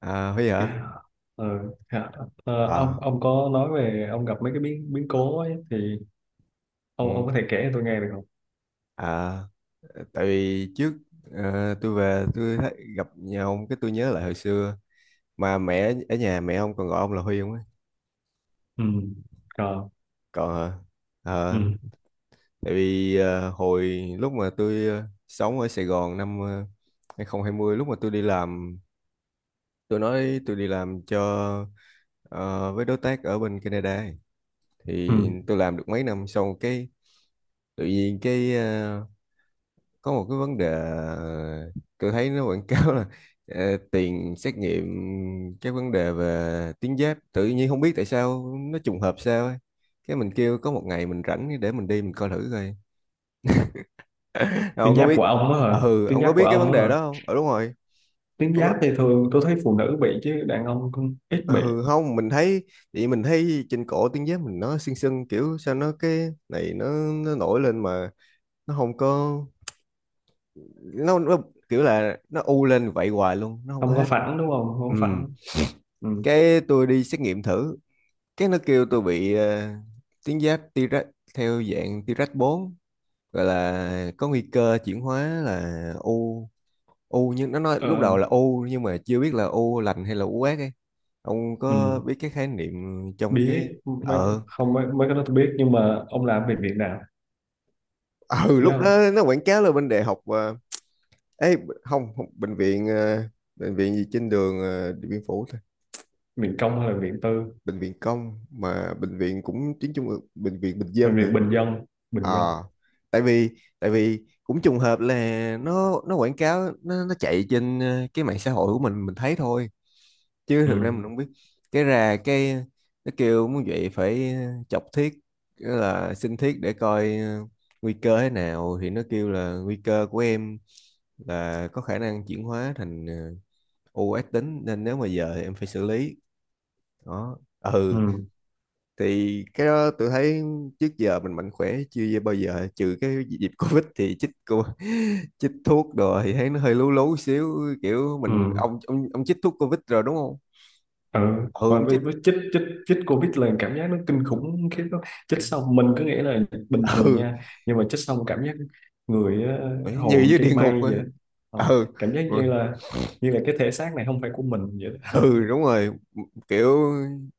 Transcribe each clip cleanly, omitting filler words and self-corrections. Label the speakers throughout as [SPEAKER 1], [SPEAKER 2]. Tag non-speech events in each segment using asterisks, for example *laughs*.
[SPEAKER 1] À, Huy hả?
[SPEAKER 2] Yeah. Ờ, dạ. Ờ, ông
[SPEAKER 1] À.
[SPEAKER 2] ông có nói về ông gặp mấy cái biến biến cố ấy, thì ông
[SPEAKER 1] Ừ.
[SPEAKER 2] có thể kể cho tôi nghe được không?
[SPEAKER 1] À, tại vì trước tôi về tôi thấy, gặp nhà ông cái tôi nhớ lại hồi xưa mà mẹ ở nhà mẹ ông còn gọi ông là Huy không ấy?
[SPEAKER 2] Ừ. Rồi.
[SPEAKER 1] Còn hả?
[SPEAKER 2] Ừ.
[SPEAKER 1] Ờ, tại vì hồi lúc mà tôi sống ở Sài Gòn năm 2020, lúc mà tôi đi làm, tôi nói tôi đi làm cho ờ, với đối tác ở bên Canada ấy.
[SPEAKER 2] Ừ.
[SPEAKER 1] Thì tôi làm được mấy năm sau, cái tự nhiên cái có một cái vấn đề, tôi thấy nó quảng cáo là tiền xét nghiệm cái vấn đề về tiếng Giáp tự nhiên không biết tại sao nó trùng hợp sao ấy, cái mình kêu có một ngày mình rảnh để mình đi mình coi thử coi.
[SPEAKER 2] Tuyến
[SPEAKER 1] Ông có
[SPEAKER 2] giáp
[SPEAKER 1] biết
[SPEAKER 2] của ông á hả?
[SPEAKER 1] ừ,
[SPEAKER 2] Tuyến
[SPEAKER 1] ông có
[SPEAKER 2] giáp của
[SPEAKER 1] biết cái vấn
[SPEAKER 2] ông
[SPEAKER 1] đề
[SPEAKER 2] á hả?
[SPEAKER 1] đó không? Ừ, đúng rồi.
[SPEAKER 2] Tuyến
[SPEAKER 1] Ông có...
[SPEAKER 2] giáp thì thường tôi thấy phụ nữ bị chứ đàn ông cũng ít
[SPEAKER 1] ờ,
[SPEAKER 2] bị.
[SPEAKER 1] ừ, không, mình thấy, thì mình thấy trên cổ tiếng Giáp mình nó sưng sưng kiểu sao, nó cái này nó nổi lên mà nó không có, nó kiểu là nó u lên vậy hoài luôn, nó không có
[SPEAKER 2] Không có
[SPEAKER 1] hết.
[SPEAKER 2] phẳng đúng không? Không
[SPEAKER 1] Ừ,
[SPEAKER 2] có phẳng. Ừ.
[SPEAKER 1] cái tôi đi xét nghiệm thử, cái nó kêu tôi bị tuyến giáp T-rex, theo dạng T-rex bốn, gọi là có nguy cơ chuyển hóa là u, u nhưng nó nói lúc
[SPEAKER 2] Ờ,
[SPEAKER 1] đầu là u nhưng mà chưa biết là u lành hay là u ác ấy. Ông
[SPEAKER 2] ừ.
[SPEAKER 1] có biết cái khái niệm trong cái
[SPEAKER 2] Biết mấy,
[SPEAKER 1] ờ
[SPEAKER 2] không mấy, mấy cái đó tôi biết nhưng mà ông làm về viện nào?
[SPEAKER 1] *laughs* ừ, lúc
[SPEAKER 2] Nhớ không?
[SPEAKER 1] đó nó quảng cáo là bên đại học ấy, không, bệnh viện bệnh viện gì trên đường Điện Biên Phủ thôi.
[SPEAKER 2] Viện công hay là viện tư?
[SPEAKER 1] Bệnh viện công, mà bệnh viện cũng tuyến trung ương, bệnh viện bình
[SPEAKER 2] Hay
[SPEAKER 1] dân
[SPEAKER 2] viện
[SPEAKER 1] hả?
[SPEAKER 2] bình dân? Bình dân.
[SPEAKER 1] Ờ, tại vì tại vì cũng trùng hợp là nó quảng cáo nó chạy trên cái mạng xã hội của mình thấy thôi, chứ thực ra
[SPEAKER 2] Ừ.
[SPEAKER 1] mình không biết. Cái ra cái nó kêu muốn vậy phải chọc thiết, nghĩa là xin thiết để coi nguy cơ thế nào, thì nó kêu là nguy cơ của em là có khả năng chuyển hóa thành u ác tính, nên nếu mà giờ thì em phải xử lý đó. Ừ,
[SPEAKER 2] Ừ.
[SPEAKER 1] thì cái đó tôi thấy trước giờ mình mạnh khỏe chưa bao giờ, trừ cái dịp Covid thì chích cô *laughs* chích thuốc rồi thì thấy nó hơi lú lú xíu, kiểu mình,
[SPEAKER 2] Ừ.
[SPEAKER 1] ông chích thuốc Covid rồi đúng không?
[SPEAKER 2] Ừ
[SPEAKER 1] Ừ,
[SPEAKER 2] và
[SPEAKER 1] ông
[SPEAKER 2] với,
[SPEAKER 1] chích.
[SPEAKER 2] với chích chích chích covid là cảm giác nó kinh khủng khiếp đó. Chích xong mình cứ nghĩ là bình thường
[SPEAKER 1] Ừ,
[SPEAKER 2] nha, nhưng mà chích xong cảm giác người
[SPEAKER 1] phải như
[SPEAKER 2] hầu như
[SPEAKER 1] dưới địa
[SPEAKER 2] trên
[SPEAKER 1] ngục
[SPEAKER 2] mây
[SPEAKER 1] á.
[SPEAKER 2] vậy đó. Ờ,
[SPEAKER 1] Ừ
[SPEAKER 2] cảm giác
[SPEAKER 1] ừ.
[SPEAKER 2] như là cái thể xác này không phải của mình vậy đó. *laughs*
[SPEAKER 1] Ừ, đúng rồi. Kiểu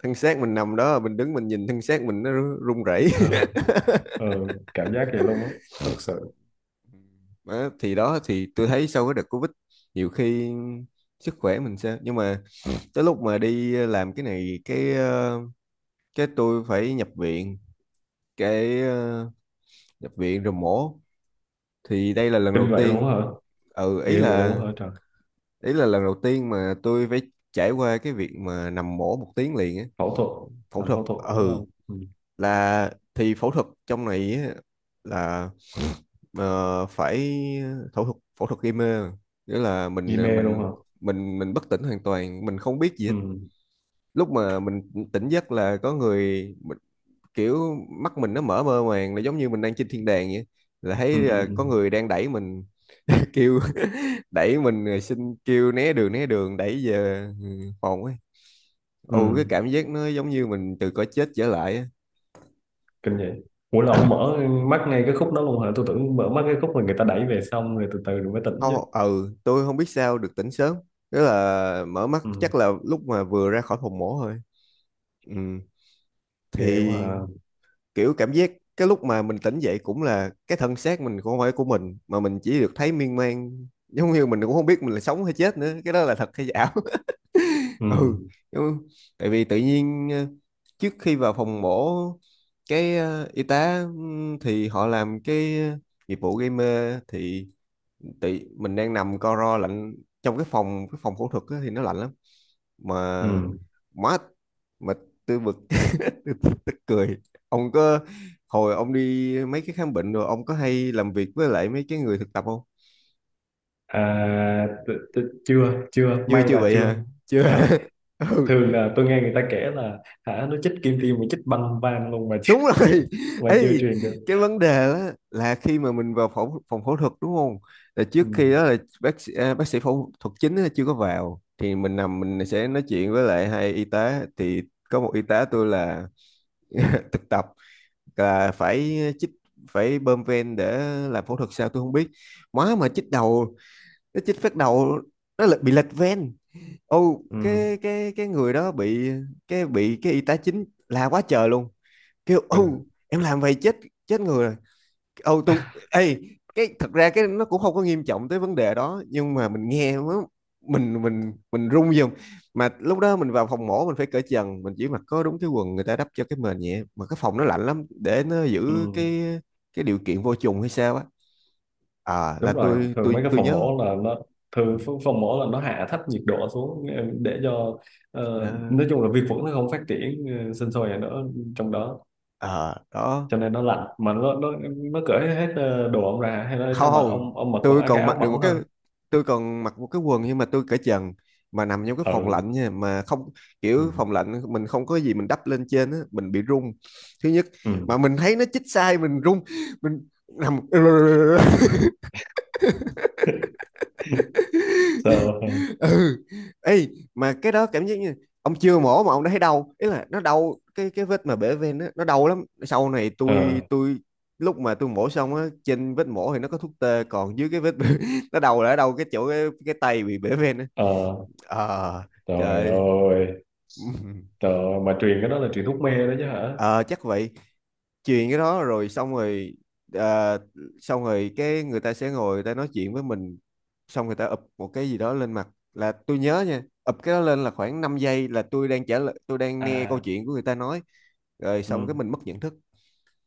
[SPEAKER 1] thân xác mình nằm đó, mình đứng mình nhìn thân xác mình nó run rẩy.
[SPEAKER 2] Ờ, ờ, cảm giác vậy luôn á, thật sự.
[SPEAKER 1] Đó thì tôi thấy sau cái đợt Covid nhiều khi sức khỏe mình sẽ, nhưng mà tới lúc mà đi làm cái này cái cái tôi phải nhập viện, cái nhập viện rồi mổ, thì đây là lần
[SPEAKER 2] Kinh
[SPEAKER 1] đầu
[SPEAKER 2] vậy luôn á
[SPEAKER 1] tiên.
[SPEAKER 2] hả?
[SPEAKER 1] Ừ,
[SPEAKER 2] Ghê vậy luôn á hả trời.
[SPEAKER 1] ý là lần đầu tiên mà tôi phải trải qua cái việc mà nằm mổ một tiếng liền á.
[SPEAKER 2] Phẫu thuật.
[SPEAKER 1] Phẫu
[SPEAKER 2] Làm
[SPEAKER 1] thuật,
[SPEAKER 2] phẫu thuật đúng
[SPEAKER 1] ừ,
[SPEAKER 2] không? Ừ.
[SPEAKER 1] là thì phẫu thuật trong này á, là phải, phẫu thuật gây mê, nghĩa là
[SPEAKER 2] Di
[SPEAKER 1] mình
[SPEAKER 2] mê luôn
[SPEAKER 1] mình
[SPEAKER 2] hả?
[SPEAKER 1] mình mình bất tỉnh hoàn toàn, mình không biết gì hết.
[SPEAKER 2] Ừ.
[SPEAKER 1] Lúc mà mình tỉnh giấc là có người mình, kiểu mắt mình nó mở mơ màng, là giống như mình đang trên thiên đàng vậy, là
[SPEAKER 2] Ừ,
[SPEAKER 1] thấy
[SPEAKER 2] ừ,
[SPEAKER 1] là
[SPEAKER 2] ừ.
[SPEAKER 1] có người đang đẩy mình *laughs* kêu *laughs* đẩy mình rồi xin kêu né đường đẩy về phòng ấy. Ồ, cái
[SPEAKER 2] Ừ.
[SPEAKER 1] cảm giác nó giống như mình từ cõi chết trở lại á.
[SPEAKER 2] Kinh vậy. Ủa là ông mở mắt ngay cái khúc đó luôn hả? Tôi tưởng mở mắt cái khúc mà người ta đẩy về xong rồi từ từ rồi mới tỉnh chứ.
[SPEAKER 1] Không, ừ tôi không biết sao được tỉnh sớm, tức là mở mắt
[SPEAKER 2] Ừ.
[SPEAKER 1] chắc là lúc mà vừa ra khỏi phòng mổ thôi. Ừ.
[SPEAKER 2] Ghê quá
[SPEAKER 1] Thì
[SPEAKER 2] à.
[SPEAKER 1] kiểu cảm giác cái lúc mà mình tỉnh dậy cũng là cái thân xác mình cũng không phải của mình, mà mình chỉ được thấy miên man giống như mình cũng không biết mình là sống hay chết nữa, cái đó là thật hay ảo. *laughs*
[SPEAKER 2] Ừ.
[SPEAKER 1] Ừ. Giống- tại vì tự nhiên trước khi vào phòng mổ cái y tá thì họ làm cái nghiệp vụ gây mê, thì tự mình đang nằm co ro lạnh trong cái phòng phẫu thuật á thì nó lạnh lắm mà,
[SPEAKER 2] Ừ.
[SPEAKER 1] má mà tôi bực *laughs* tôi cười. Ông có, hồi ông đi mấy cái khám bệnh rồi, ông có hay làm việc với lại mấy cái người thực tập không?
[SPEAKER 2] À, chưa, chưa
[SPEAKER 1] chưa
[SPEAKER 2] may
[SPEAKER 1] chưa
[SPEAKER 2] là
[SPEAKER 1] vậy
[SPEAKER 2] chưa.
[SPEAKER 1] hả, chưa
[SPEAKER 2] Ờ,
[SPEAKER 1] hả? *laughs* Ừ,
[SPEAKER 2] thường là tôi nghe người ta kể là hả nó chích kim tiêm mà chích băng van luôn mà chưa,
[SPEAKER 1] đúng rồi.
[SPEAKER 2] *laughs*
[SPEAKER 1] *laughs*
[SPEAKER 2] mà chưa
[SPEAKER 1] Ấy,
[SPEAKER 2] truyền được.
[SPEAKER 1] cái vấn đề đó là khi mà mình vào phòng phòng phẫu thuật đúng không, là
[SPEAKER 2] Ừ.
[SPEAKER 1] trước khi đó là bác sĩ, à, bác sĩ phẫu thuật chính á chưa có vào, thì mình nằm mình sẽ nói chuyện với lại hai y tá. Thì có một y tá tôi là *laughs* thực tập, là phải chích, phải bơm ven để làm phẫu thuật sao tôi không biết, má mà chích đầu, nó chích phát đầu nó lại bị lệch ven. Ô,
[SPEAKER 2] Ừ.
[SPEAKER 1] cái cái người đó bị, cái bị cái y tá chính la quá trời luôn, kêu
[SPEAKER 2] Kinh.
[SPEAKER 1] ô em làm vậy chết, chết người rồi. Ô tôi, ê, cái thật ra cái nó cũng không có nghiêm trọng tới vấn đề đó, nhưng mà mình nghe nó, mình run dùng. Mà lúc đó mình vào phòng mổ mình phải cởi trần, mình chỉ mặc có đúng cái quần, người ta đắp cho cái mền nhẹ, mà cái phòng nó lạnh lắm để nó giữ
[SPEAKER 2] Ừ.
[SPEAKER 1] cái điều kiện vô trùng hay sao á. À,
[SPEAKER 2] Đúng
[SPEAKER 1] là
[SPEAKER 2] rồi,
[SPEAKER 1] tôi
[SPEAKER 2] thường mấy
[SPEAKER 1] tôi
[SPEAKER 2] cái
[SPEAKER 1] tôi
[SPEAKER 2] phòng
[SPEAKER 1] nhớ.
[SPEAKER 2] mổ là nó thường phòng mổ là nó hạ thấp nhiệt độ xuống, để cho
[SPEAKER 1] Ừ,
[SPEAKER 2] nói chung là vi khuẩn nó không phát triển, sinh sôi ở đó, trong đó,
[SPEAKER 1] ờ, à, đó.
[SPEAKER 2] cho nên nó lạnh mà nó nó cởi hết đồ ông ra hay là cho
[SPEAKER 1] Không,
[SPEAKER 2] mặc
[SPEAKER 1] không,
[SPEAKER 2] ông mặc
[SPEAKER 1] tôi
[SPEAKER 2] có cái
[SPEAKER 1] còn
[SPEAKER 2] áo
[SPEAKER 1] mặc được một
[SPEAKER 2] mỏng
[SPEAKER 1] cái,
[SPEAKER 2] thôi.
[SPEAKER 1] tôi còn mặc một cái quần nhưng mà tôi cởi trần, mà nằm trong cái phòng
[SPEAKER 2] Ừ.
[SPEAKER 1] lạnh nha, mà không,
[SPEAKER 2] Ừ.
[SPEAKER 1] kiểu phòng lạnh mình không có gì mình đắp lên trên á, mình bị run thứ nhất,
[SPEAKER 2] Ừ.
[SPEAKER 1] mà mình thấy nó chích sai mình run, mình nằm. *laughs*
[SPEAKER 2] *laughs* So.
[SPEAKER 1] Ừ, ê, mà cái đó cảm giác như ông chưa mổ mà ông đã thấy đau, ý là nó đau cái vết mà bể ven á, nó đau lắm. Sau này
[SPEAKER 2] Ờ.
[SPEAKER 1] tôi lúc mà tôi mổ xong á, trên vết mổ thì nó có thuốc tê, còn dưới cái vết *laughs* nó đầu là ở đâu cái chỗ cái tay bị bể ven á.
[SPEAKER 2] Ờ.
[SPEAKER 1] Ờ,
[SPEAKER 2] Trời
[SPEAKER 1] trời.
[SPEAKER 2] ơi.
[SPEAKER 1] *laughs*
[SPEAKER 2] Trời ơi, mà truyền cái đó là truyền thuốc mê đó chứ hả?
[SPEAKER 1] Ờ, chắc vậy. Truyền cái đó rồi xong rồi ờ, xong rồi cái người ta sẽ ngồi người ta nói chuyện với mình, xong người ta ụp một cái gì đó lên mặt. Là tôi nhớ nha, ụp cái đó lên là khoảng 5 giây là tôi đang trả lời, tôi đang nghe câu
[SPEAKER 2] À.
[SPEAKER 1] chuyện của người ta nói, rồi xong cái
[SPEAKER 2] Ừ.
[SPEAKER 1] mình mất nhận thức.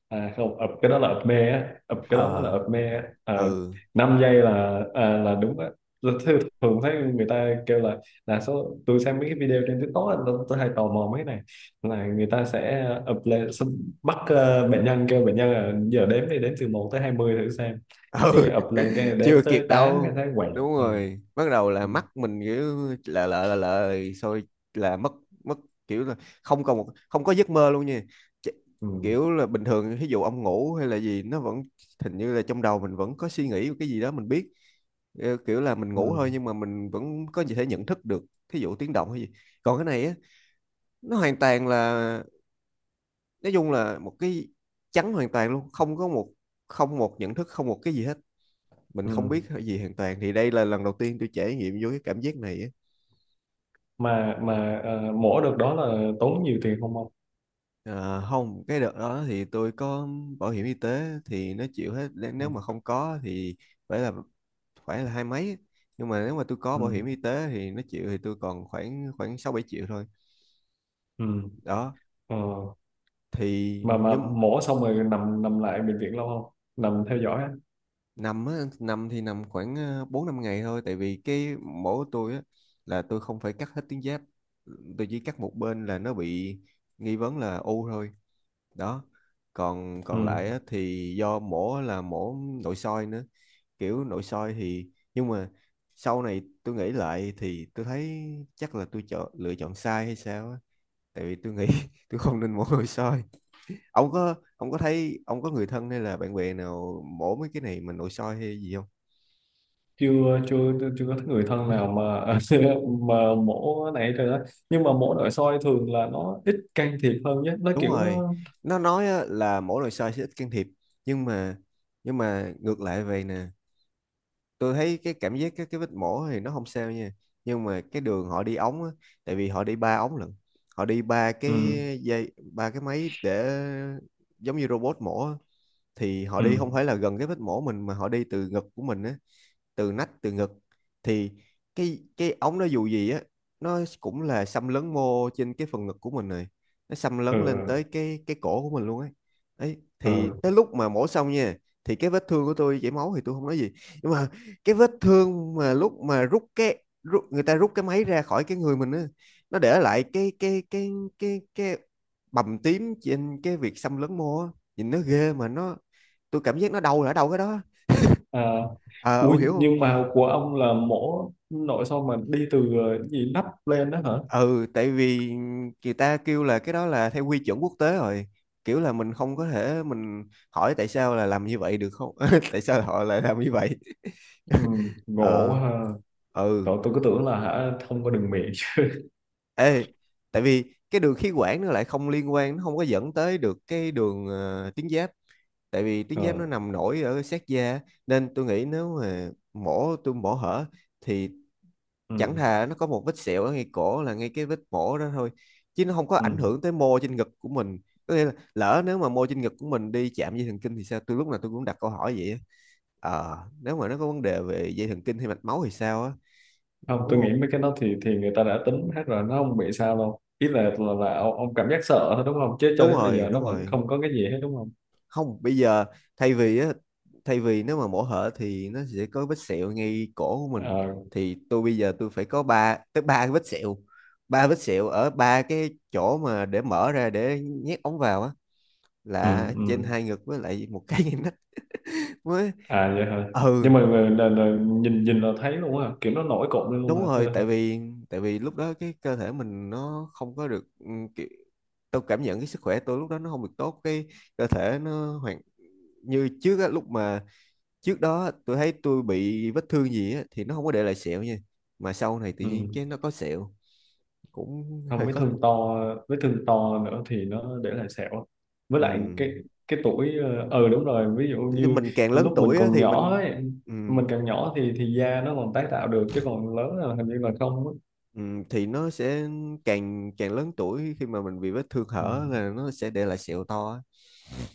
[SPEAKER 2] À không, ập cái đó là ập mê á, ập cái đó mới là
[SPEAKER 1] Ờ,
[SPEAKER 2] ập mê á. Ờ,
[SPEAKER 1] ừ,
[SPEAKER 2] 5 giây là à, là đúng á. Tôi thường thấy người ta kêu là số tôi xem mấy cái video trên TikTok á, tôi hay tò mò mấy cái này là người ta sẽ ập lên xong bắt bệnh nhân, kêu bệnh nhân là giờ đếm đi, đếm từ một tới 20 thử xem.
[SPEAKER 1] ừ.
[SPEAKER 2] Cái
[SPEAKER 1] *laughs*
[SPEAKER 2] ập lên cái đếm
[SPEAKER 1] Chưa
[SPEAKER 2] tới
[SPEAKER 1] kịp
[SPEAKER 2] tám cái
[SPEAKER 1] đâu,
[SPEAKER 2] thấy quẹt.
[SPEAKER 1] đúng
[SPEAKER 2] Ừ.
[SPEAKER 1] rồi, bắt đầu là
[SPEAKER 2] Ừ.
[SPEAKER 1] mắt mình kiểu là lợ rồi là mất, mất, kiểu là không còn một, không có giấc mơ luôn nha. Ch-
[SPEAKER 2] Ừ.
[SPEAKER 1] kiểu là bình thường ví dụ ông ngủ hay là gì nó vẫn hình như là trong đầu mình vẫn có suy nghĩ cái gì đó mình biết. Ờ, kiểu là mình ngủ thôi
[SPEAKER 2] Ừ.
[SPEAKER 1] nhưng mà mình vẫn có thể nhận thức được, thí dụ tiếng động hay gì. Còn cái này á, nó hoàn toàn là, nói chung là một cái trắng hoàn toàn luôn, không có một, không một nhận thức, không một cái gì hết, mình không
[SPEAKER 2] Ừ.
[SPEAKER 1] biết cái gì hoàn toàn. Thì đây là lần đầu tiên tôi trải nghiệm vô cái cảm giác này á.
[SPEAKER 2] Mà mổ được đó là tốn nhiều tiền không không?
[SPEAKER 1] Ờ, không cái đợt đó thì tôi có bảo hiểm y tế thì nó chịu hết. nếu
[SPEAKER 2] Ừ.
[SPEAKER 1] nếu mà không có thì phải là phải là hai mấy, nhưng mà nếu mà tôi có
[SPEAKER 2] Ừ.
[SPEAKER 1] bảo hiểm y tế thì nó chịu thì tôi còn khoảng khoảng 6-7 triệu thôi
[SPEAKER 2] Ừ.
[SPEAKER 1] đó.
[SPEAKER 2] Ờ.
[SPEAKER 1] Thì
[SPEAKER 2] Mà
[SPEAKER 1] nhưng
[SPEAKER 2] mổ xong rồi nằm, nằm lại bệnh viện lâu không, nằm theo dõi á?
[SPEAKER 1] Nằm á, nằm thì nằm khoảng 4-5 ngày thôi, tại vì cái mổ của tôi á là tôi không phải cắt hết tuyến giáp, tôi chỉ cắt một bên là nó bị nghi vấn là u thôi đó. Còn còn
[SPEAKER 2] Ừ.
[SPEAKER 1] lại á, thì do mổ là mổ nội soi nữa, kiểu nội soi. Thì nhưng mà sau này tôi nghĩ lại thì tôi thấy chắc là tôi chọn lựa chọn sai hay sao á, tại vì tôi nghĩ *laughs* tôi không nên mổ nội soi. Ông có thấy ông có người thân hay là bạn bè nào mổ mấy cái này mà nội soi hay gì không?
[SPEAKER 2] chưa chưa chưa có người thân nào mà *laughs* mà mổ này rồi đó, nhưng mà mổ nội soi thường là nó ít can thiệp hơn nhé, nó
[SPEAKER 1] Đúng
[SPEAKER 2] kiểu
[SPEAKER 1] rồi,
[SPEAKER 2] nó.
[SPEAKER 1] nó nói á là mổ nội soi sẽ ít can thiệp, nhưng mà nhưng mà ngược lại vậy nè. Tôi thấy cái cảm giác cái vết mổ thì nó không sao nha, nhưng mà cái đường họ đi ống á, tại vì họ đi ba ống lận, họ đi ba cái
[SPEAKER 2] Ừ.
[SPEAKER 1] dây, ba cái máy để giống như robot mổ á. Thì họ
[SPEAKER 2] Ừ.
[SPEAKER 1] đi không phải là gần cái vết mổ mình mà họ đi từ ngực của mình á, từ nách, từ ngực. Thì cái ống nó dù gì á, nó cũng là xâm lấn mô trên cái phần ngực của mình này, nó xâm lấn lên
[SPEAKER 2] Ừ.
[SPEAKER 1] tới cái cổ của mình luôn ấy. Ấy thì
[SPEAKER 2] Ừ.
[SPEAKER 1] tới lúc mà mổ xong nha, thì cái vết thương của tôi chảy máu thì tôi không nói gì, nhưng mà cái vết thương mà lúc mà người ta rút cái máy ra khỏi cái người mình á, nó để lại cái bầm tím trên cái việc xâm lấn mô á. Nhìn nó ghê mà nó, tôi cảm giác nó đau là ở đâu cái đó.
[SPEAKER 2] À,
[SPEAKER 1] À, ông
[SPEAKER 2] ui
[SPEAKER 1] hiểu không?
[SPEAKER 2] nhưng mà của ông là mổ nội soi mà đi từ cái gì nắp lên đó hả?
[SPEAKER 1] Ừ, tại vì người ta kêu là cái đó là theo quy chuẩn quốc tế rồi, kiểu là mình không có thể mình hỏi tại sao là làm như vậy được không *laughs* tại sao họ lại làm như vậy.
[SPEAKER 2] Ừ.
[SPEAKER 1] *laughs*
[SPEAKER 2] Gỗ
[SPEAKER 1] Ờ,
[SPEAKER 2] ha.
[SPEAKER 1] ừ.
[SPEAKER 2] Trời, tôi cứ tưởng là hả không có đường miệng.
[SPEAKER 1] Ê, tại vì cái đường khí quản nó lại không liên quan, nó không có dẫn tới được cái đường tuyến giáp, tại vì tuyến
[SPEAKER 2] *laughs*
[SPEAKER 1] giáp
[SPEAKER 2] Ờ.
[SPEAKER 1] nó nằm nổi ở sát da, nên tôi nghĩ nếu mà mổ hở thì chẳng
[SPEAKER 2] Ừ.
[SPEAKER 1] thà nó có một vết sẹo ở ngay cổ là ngay cái vết mổ đó thôi, chứ nó không có
[SPEAKER 2] Ừ.
[SPEAKER 1] ảnh hưởng tới mô trên ngực của mình. Có nghĩa là lỡ nếu mà mô trên ngực của mình đi chạm dây thần kinh thì sao, tôi lúc nào tôi cũng đặt câu hỏi vậy á. Nếu mà nó có vấn đề về dây thần kinh hay mạch máu thì sao á.
[SPEAKER 2] Không,
[SPEAKER 1] Đúng
[SPEAKER 2] tôi nghĩ
[SPEAKER 1] không.
[SPEAKER 2] mấy cái đó thì người ta đã tính hết rồi, nó không bị sao đâu, ý là là ông cảm giác sợ thôi đúng không, chứ cho
[SPEAKER 1] Đúng
[SPEAKER 2] đến bây
[SPEAKER 1] rồi,
[SPEAKER 2] giờ nó
[SPEAKER 1] đúng
[SPEAKER 2] vẫn
[SPEAKER 1] rồi.
[SPEAKER 2] không có cái gì hết đúng không?
[SPEAKER 1] Không, bây giờ thay vì á thay vì nếu mà mổ hở thì nó sẽ có vết sẹo ngay cổ của mình,
[SPEAKER 2] Ờ,
[SPEAKER 1] thì tôi bây giờ tôi phải có ba cái vết sẹo, ba vết sẹo ở ba cái chỗ mà để mở ra để nhét ống vào á,
[SPEAKER 2] ừ,
[SPEAKER 1] là trên
[SPEAKER 2] ừ.
[SPEAKER 1] hai ngực với lại một cái *laughs* ngay nách mới.
[SPEAKER 2] À vậy hả? Nhưng
[SPEAKER 1] Ừ,
[SPEAKER 2] mà là nhìn nhìn là thấy luôn hả, kiểu nó nổi cộm lên luôn hả?
[SPEAKER 1] đúng
[SPEAKER 2] Hay
[SPEAKER 1] rồi, tại
[SPEAKER 2] là-
[SPEAKER 1] vì tại vì lúc đó cái cơ thể mình nó không có được kiểu, tôi cảm nhận cái sức khỏe tôi lúc đó nó không được tốt, cái cơ thể nó hoàn như trước á, lúc mà trước đó tôi thấy tôi bị vết thương gì á thì nó không có để lại sẹo nha, mà sau này tự nhiên
[SPEAKER 2] ừ.
[SPEAKER 1] cái nó có sẹo cũng
[SPEAKER 2] Không,
[SPEAKER 1] hơi
[SPEAKER 2] vết
[SPEAKER 1] khó.
[SPEAKER 2] thương to, vết thương to nữa thì nó để lại sẹo, với
[SPEAKER 1] Ừ.
[SPEAKER 2] lại cái tuổi. Ờ ừ, đúng rồi, ví dụ
[SPEAKER 1] Thế
[SPEAKER 2] như
[SPEAKER 1] mình càng lớn
[SPEAKER 2] lúc mình
[SPEAKER 1] tuổi á
[SPEAKER 2] còn
[SPEAKER 1] thì
[SPEAKER 2] nhỏ
[SPEAKER 1] mình.
[SPEAKER 2] ấy,
[SPEAKER 1] Ừ.
[SPEAKER 2] mình càng nhỏ thì da nó còn tái tạo được chứ còn lớn là hình như là không á.
[SPEAKER 1] Ừ, thì nó sẽ càng càng lớn tuổi khi mà mình bị vết thương
[SPEAKER 2] Ừ.
[SPEAKER 1] hở là nó sẽ để lại sẹo to á.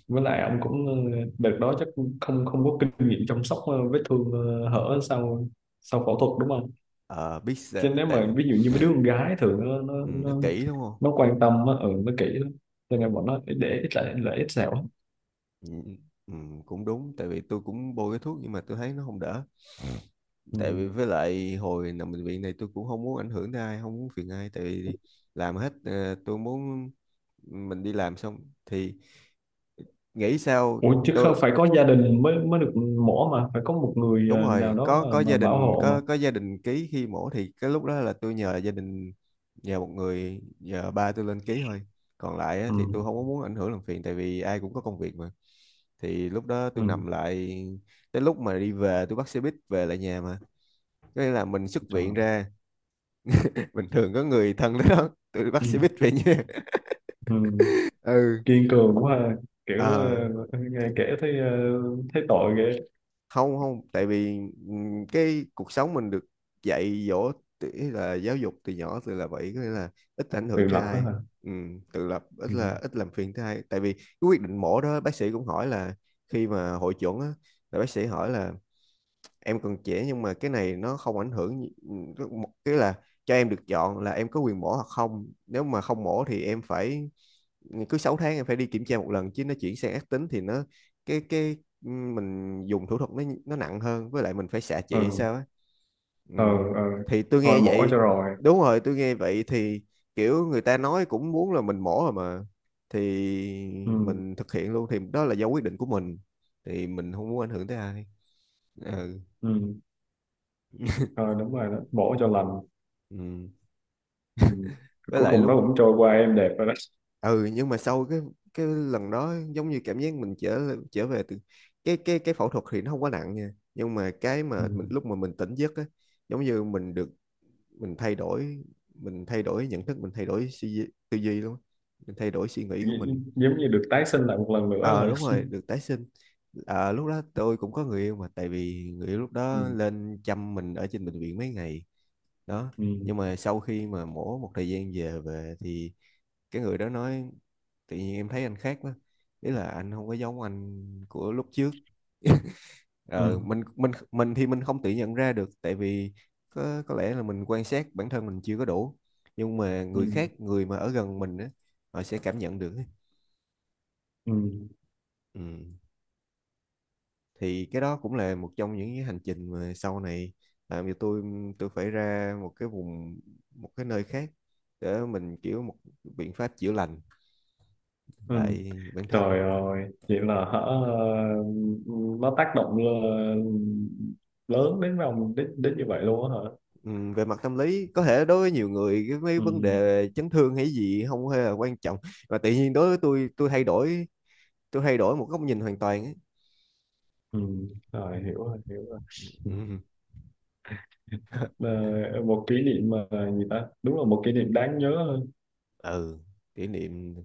[SPEAKER 2] Với lại ông cũng đợt đó chắc cũng không không có kinh nghiệm chăm sóc vết thương hở sau, sau phẫu thuật đúng không?
[SPEAKER 1] Ờ biết
[SPEAKER 2] Chứ
[SPEAKER 1] sợ-
[SPEAKER 2] nếu
[SPEAKER 1] tại.
[SPEAKER 2] mà ví dụ như mấy đứa con gái thường
[SPEAKER 1] Ừ, nó kỹ đúng không.
[SPEAKER 2] nó quan tâm á, ừ, nó kỹ lắm, cho nên bọn nó để ít lại lại ít sẹo lắm.
[SPEAKER 1] Ừ, ừ, cũng đúng, tại vì tôi cũng bôi cái thuốc nhưng mà tôi thấy nó không đỡ,
[SPEAKER 2] Ừ.
[SPEAKER 1] tại vì với lại hồi nằm bệnh viện này tôi cũng không muốn ảnh hưởng tới ai, không muốn phiền ai, tại vì làm hết tôi muốn mình đi làm xong thì nghĩ sao
[SPEAKER 2] Ủa chứ
[SPEAKER 1] tôi.
[SPEAKER 2] không phải có gia đình mới mới được mổ mà phải có một người
[SPEAKER 1] Đúng
[SPEAKER 2] nào
[SPEAKER 1] rồi,
[SPEAKER 2] đó
[SPEAKER 1] có có
[SPEAKER 2] mà
[SPEAKER 1] gia
[SPEAKER 2] bảo
[SPEAKER 1] đình,
[SPEAKER 2] hộ mà.
[SPEAKER 1] có gia đình ký khi mổ thì cái lúc đó là tôi nhờ gia đình, nhờ một người, nhờ ba tôi lên ký thôi, còn lại á,
[SPEAKER 2] Ừ.
[SPEAKER 1] thì tôi không có muốn ảnh hưởng làm phiền, tại vì ai cũng có công việc mà. Thì lúc đó tôi
[SPEAKER 2] Ừ.
[SPEAKER 1] nằm lại, tới lúc mà đi về tôi bắt xe buýt về lại nhà mà, có nghĩa là mình xuất viện
[SPEAKER 2] Trời.
[SPEAKER 1] ra, *laughs* bình thường có người thân tới, đó tôi bắt
[SPEAKER 2] Ừ.
[SPEAKER 1] xe buýt về nhà.
[SPEAKER 2] Ừ.
[SPEAKER 1] *laughs* Ừ.
[SPEAKER 2] Kiên cường quá ha. Kiểu
[SPEAKER 1] Ờ,
[SPEAKER 2] ờ, nghe kể thấy ờ, thấy tội ghê.
[SPEAKER 1] không không, tại vì cái cuộc sống mình được dạy dỗ tự- ý là giáo dục từ nhỏ từ là vậy, có nghĩa là ít ảnh
[SPEAKER 2] Tự
[SPEAKER 1] hưởng tới
[SPEAKER 2] lập đó hả?
[SPEAKER 1] ai. Tự lập,
[SPEAKER 2] Ừ.
[SPEAKER 1] ít làm phiền tới ai, tại vì cái quyết định mổ đó bác sĩ cũng hỏi là, khi mà hội chuẩn á, là bác sĩ hỏi là em còn trẻ nhưng mà cái này nó không ảnh hưởng gì- cái là cho em được chọn là em có quyền mổ hoặc không, nếu mà không mổ thì em phải cứ 6 tháng em phải đi kiểm tra một lần, chứ nó chuyển sang ác tính thì nó cái mình dùng thủ thuật nó nặng hơn, với lại mình phải xạ trị
[SPEAKER 2] Ừ.
[SPEAKER 1] sao á. Ừ.
[SPEAKER 2] Ờ. Ờ.
[SPEAKER 1] Thì tôi
[SPEAKER 2] Thôi
[SPEAKER 1] nghe
[SPEAKER 2] mổ cho
[SPEAKER 1] vậy,
[SPEAKER 2] rồi.
[SPEAKER 1] đúng rồi, tôi nghe vậy thì kiểu người ta nói cũng muốn là mình mổ rồi mà, thì
[SPEAKER 2] Ừ.
[SPEAKER 1] mình thực hiện luôn, thì đó là do quyết định của mình, thì mình không muốn ảnh hưởng tới ai. Ừ.
[SPEAKER 2] Ừ. Ờ đúng rồi đó, mổ cho lành.
[SPEAKER 1] Ừ.
[SPEAKER 2] Ừ.
[SPEAKER 1] Với
[SPEAKER 2] Cuối
[SPEAKER 1] lại
[SPEAKER 2] cùng
[SPEAKER 1] lúc,
[SPEAKER 2] nó cũng trôi qua em đẹp rồi đó.
[SPEAKER 1] ừ, nhưng mà sau cái lần đó giống như cảm giác mình trở trở về từ cái phẫu thuật thì nó không quá nặng nha, nhưng mà cái
[SPEAKER 2] Ừ.
[SPEAKER 1] mà mình lúc mà mình tỉnh giấc á, giống như mình được, mình thay đổi, mình thay đổi nhận thức, mình thay đổi suy duy- tư duy luôn á, mình thay đổi suy nghĩ của mình.
[SPEAKER 2] Gi- giống như được tái sinh lại một lần nữa
[SPEAKER 1] Ờ
[SPEAKER 2] là.
[SPEAKER 1] đúng
[SPEAKER 2] *laughs*
[SPEAKER 1] rồi, được tái sinh. Lúc đó tôi cũng có người yêu mà, tại vì người yêu lúc
[SPEAKER 2] Ừ.
[SPEAKER 1] đó lên chăm mình ở trên bệnh viện mấy ngày đó,
[SPEAKER 2] Ừ.
[SPEAKER 1] nhưng mà sau khi mà mổ một thời gian về về thì cái người đó nói tự nhiên em thấy anh khác quá, ý là anh không có giống anh của lúc trước. *laughs* Ờ,
[SPEAKER 2] Ừ.
[SPEAKER 1] mình mình thì mình không tự nhận ra được, tại vì có lẽ là mình quan sát bản thân mình chưa có đủ, nhưng mà
[SPEAKER 2] Ừ.
[SPEAKER 1] người khác, người mà ở gần mình á, họ sẽ cảm nhận được ấy.
[SPEAKER 2] Ừ.
[SPEAKER 1] Ừ. Thì cái đó cũng là một trong những cái hành trình mà sau này làm cho tôi phải ra một cái vùng, một cái nơi khác, để mình kiểu một biện pháp chữa lành
[SPEAKER 2] Ừ.
[SPEAKER 1] lại bản thân.
[SPEAKER 2] Trời ơi vậy là hả, nó tác động lớn đến vòng đến đến như vậy luôn á hả?
[SPEAKER 1] Ừ, về mặt tâm lý có thể đối với nhiều người cái mấy vấn
[SPEAKER 2] Ừ.
[SPEAKER 1] đề chấn thương hay gì không hề là quan trọng, mà tự nhiên đối với tôi thay đổi, tôi thay đổi một góc nhìn hoàn toàn ấy.
[SPEAKER 2] Ừ.
[SPEAKER 1] Ừ,
[SPEAKER 2] Rồi hiểu rồi, hiểu rồi.
[SPEAKER 1] ừ
[SPEAKER 2] Ờ, một kỷ niệm mà gì ta, đúng là một kỷ niệm đáng nhớ.
[SPEAKER 1] ừ, kỷ niệm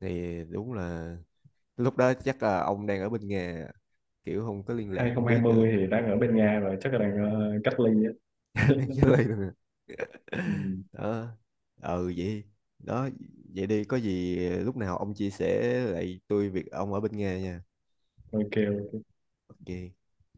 [SPEAKER 1] thì đúng là lúc đó chắc là ông đang ở bên nhà, kiểu không có liên lạc không biết
[SPEAKER 2] 2020
[SPEAKER 1] được.
[SPEAKER 2] thì đang ở bên Nga rồi, chắc là đang cách ly á.
[SPEAKER 1] *laughs* Đang
[SPEAKER 2] *laughs*
[SPEAKER 1] chơi được
[SPEAKER 2] Ừ.
[SPEAKER 1] đó. Ừ, vậy đó, vậy đi, có gì lúc nào ông chia sẻ lại tôi việc ông ở bên nhà nha.
[SPEAKER 2] Ok
[SPEAKER 1] OK.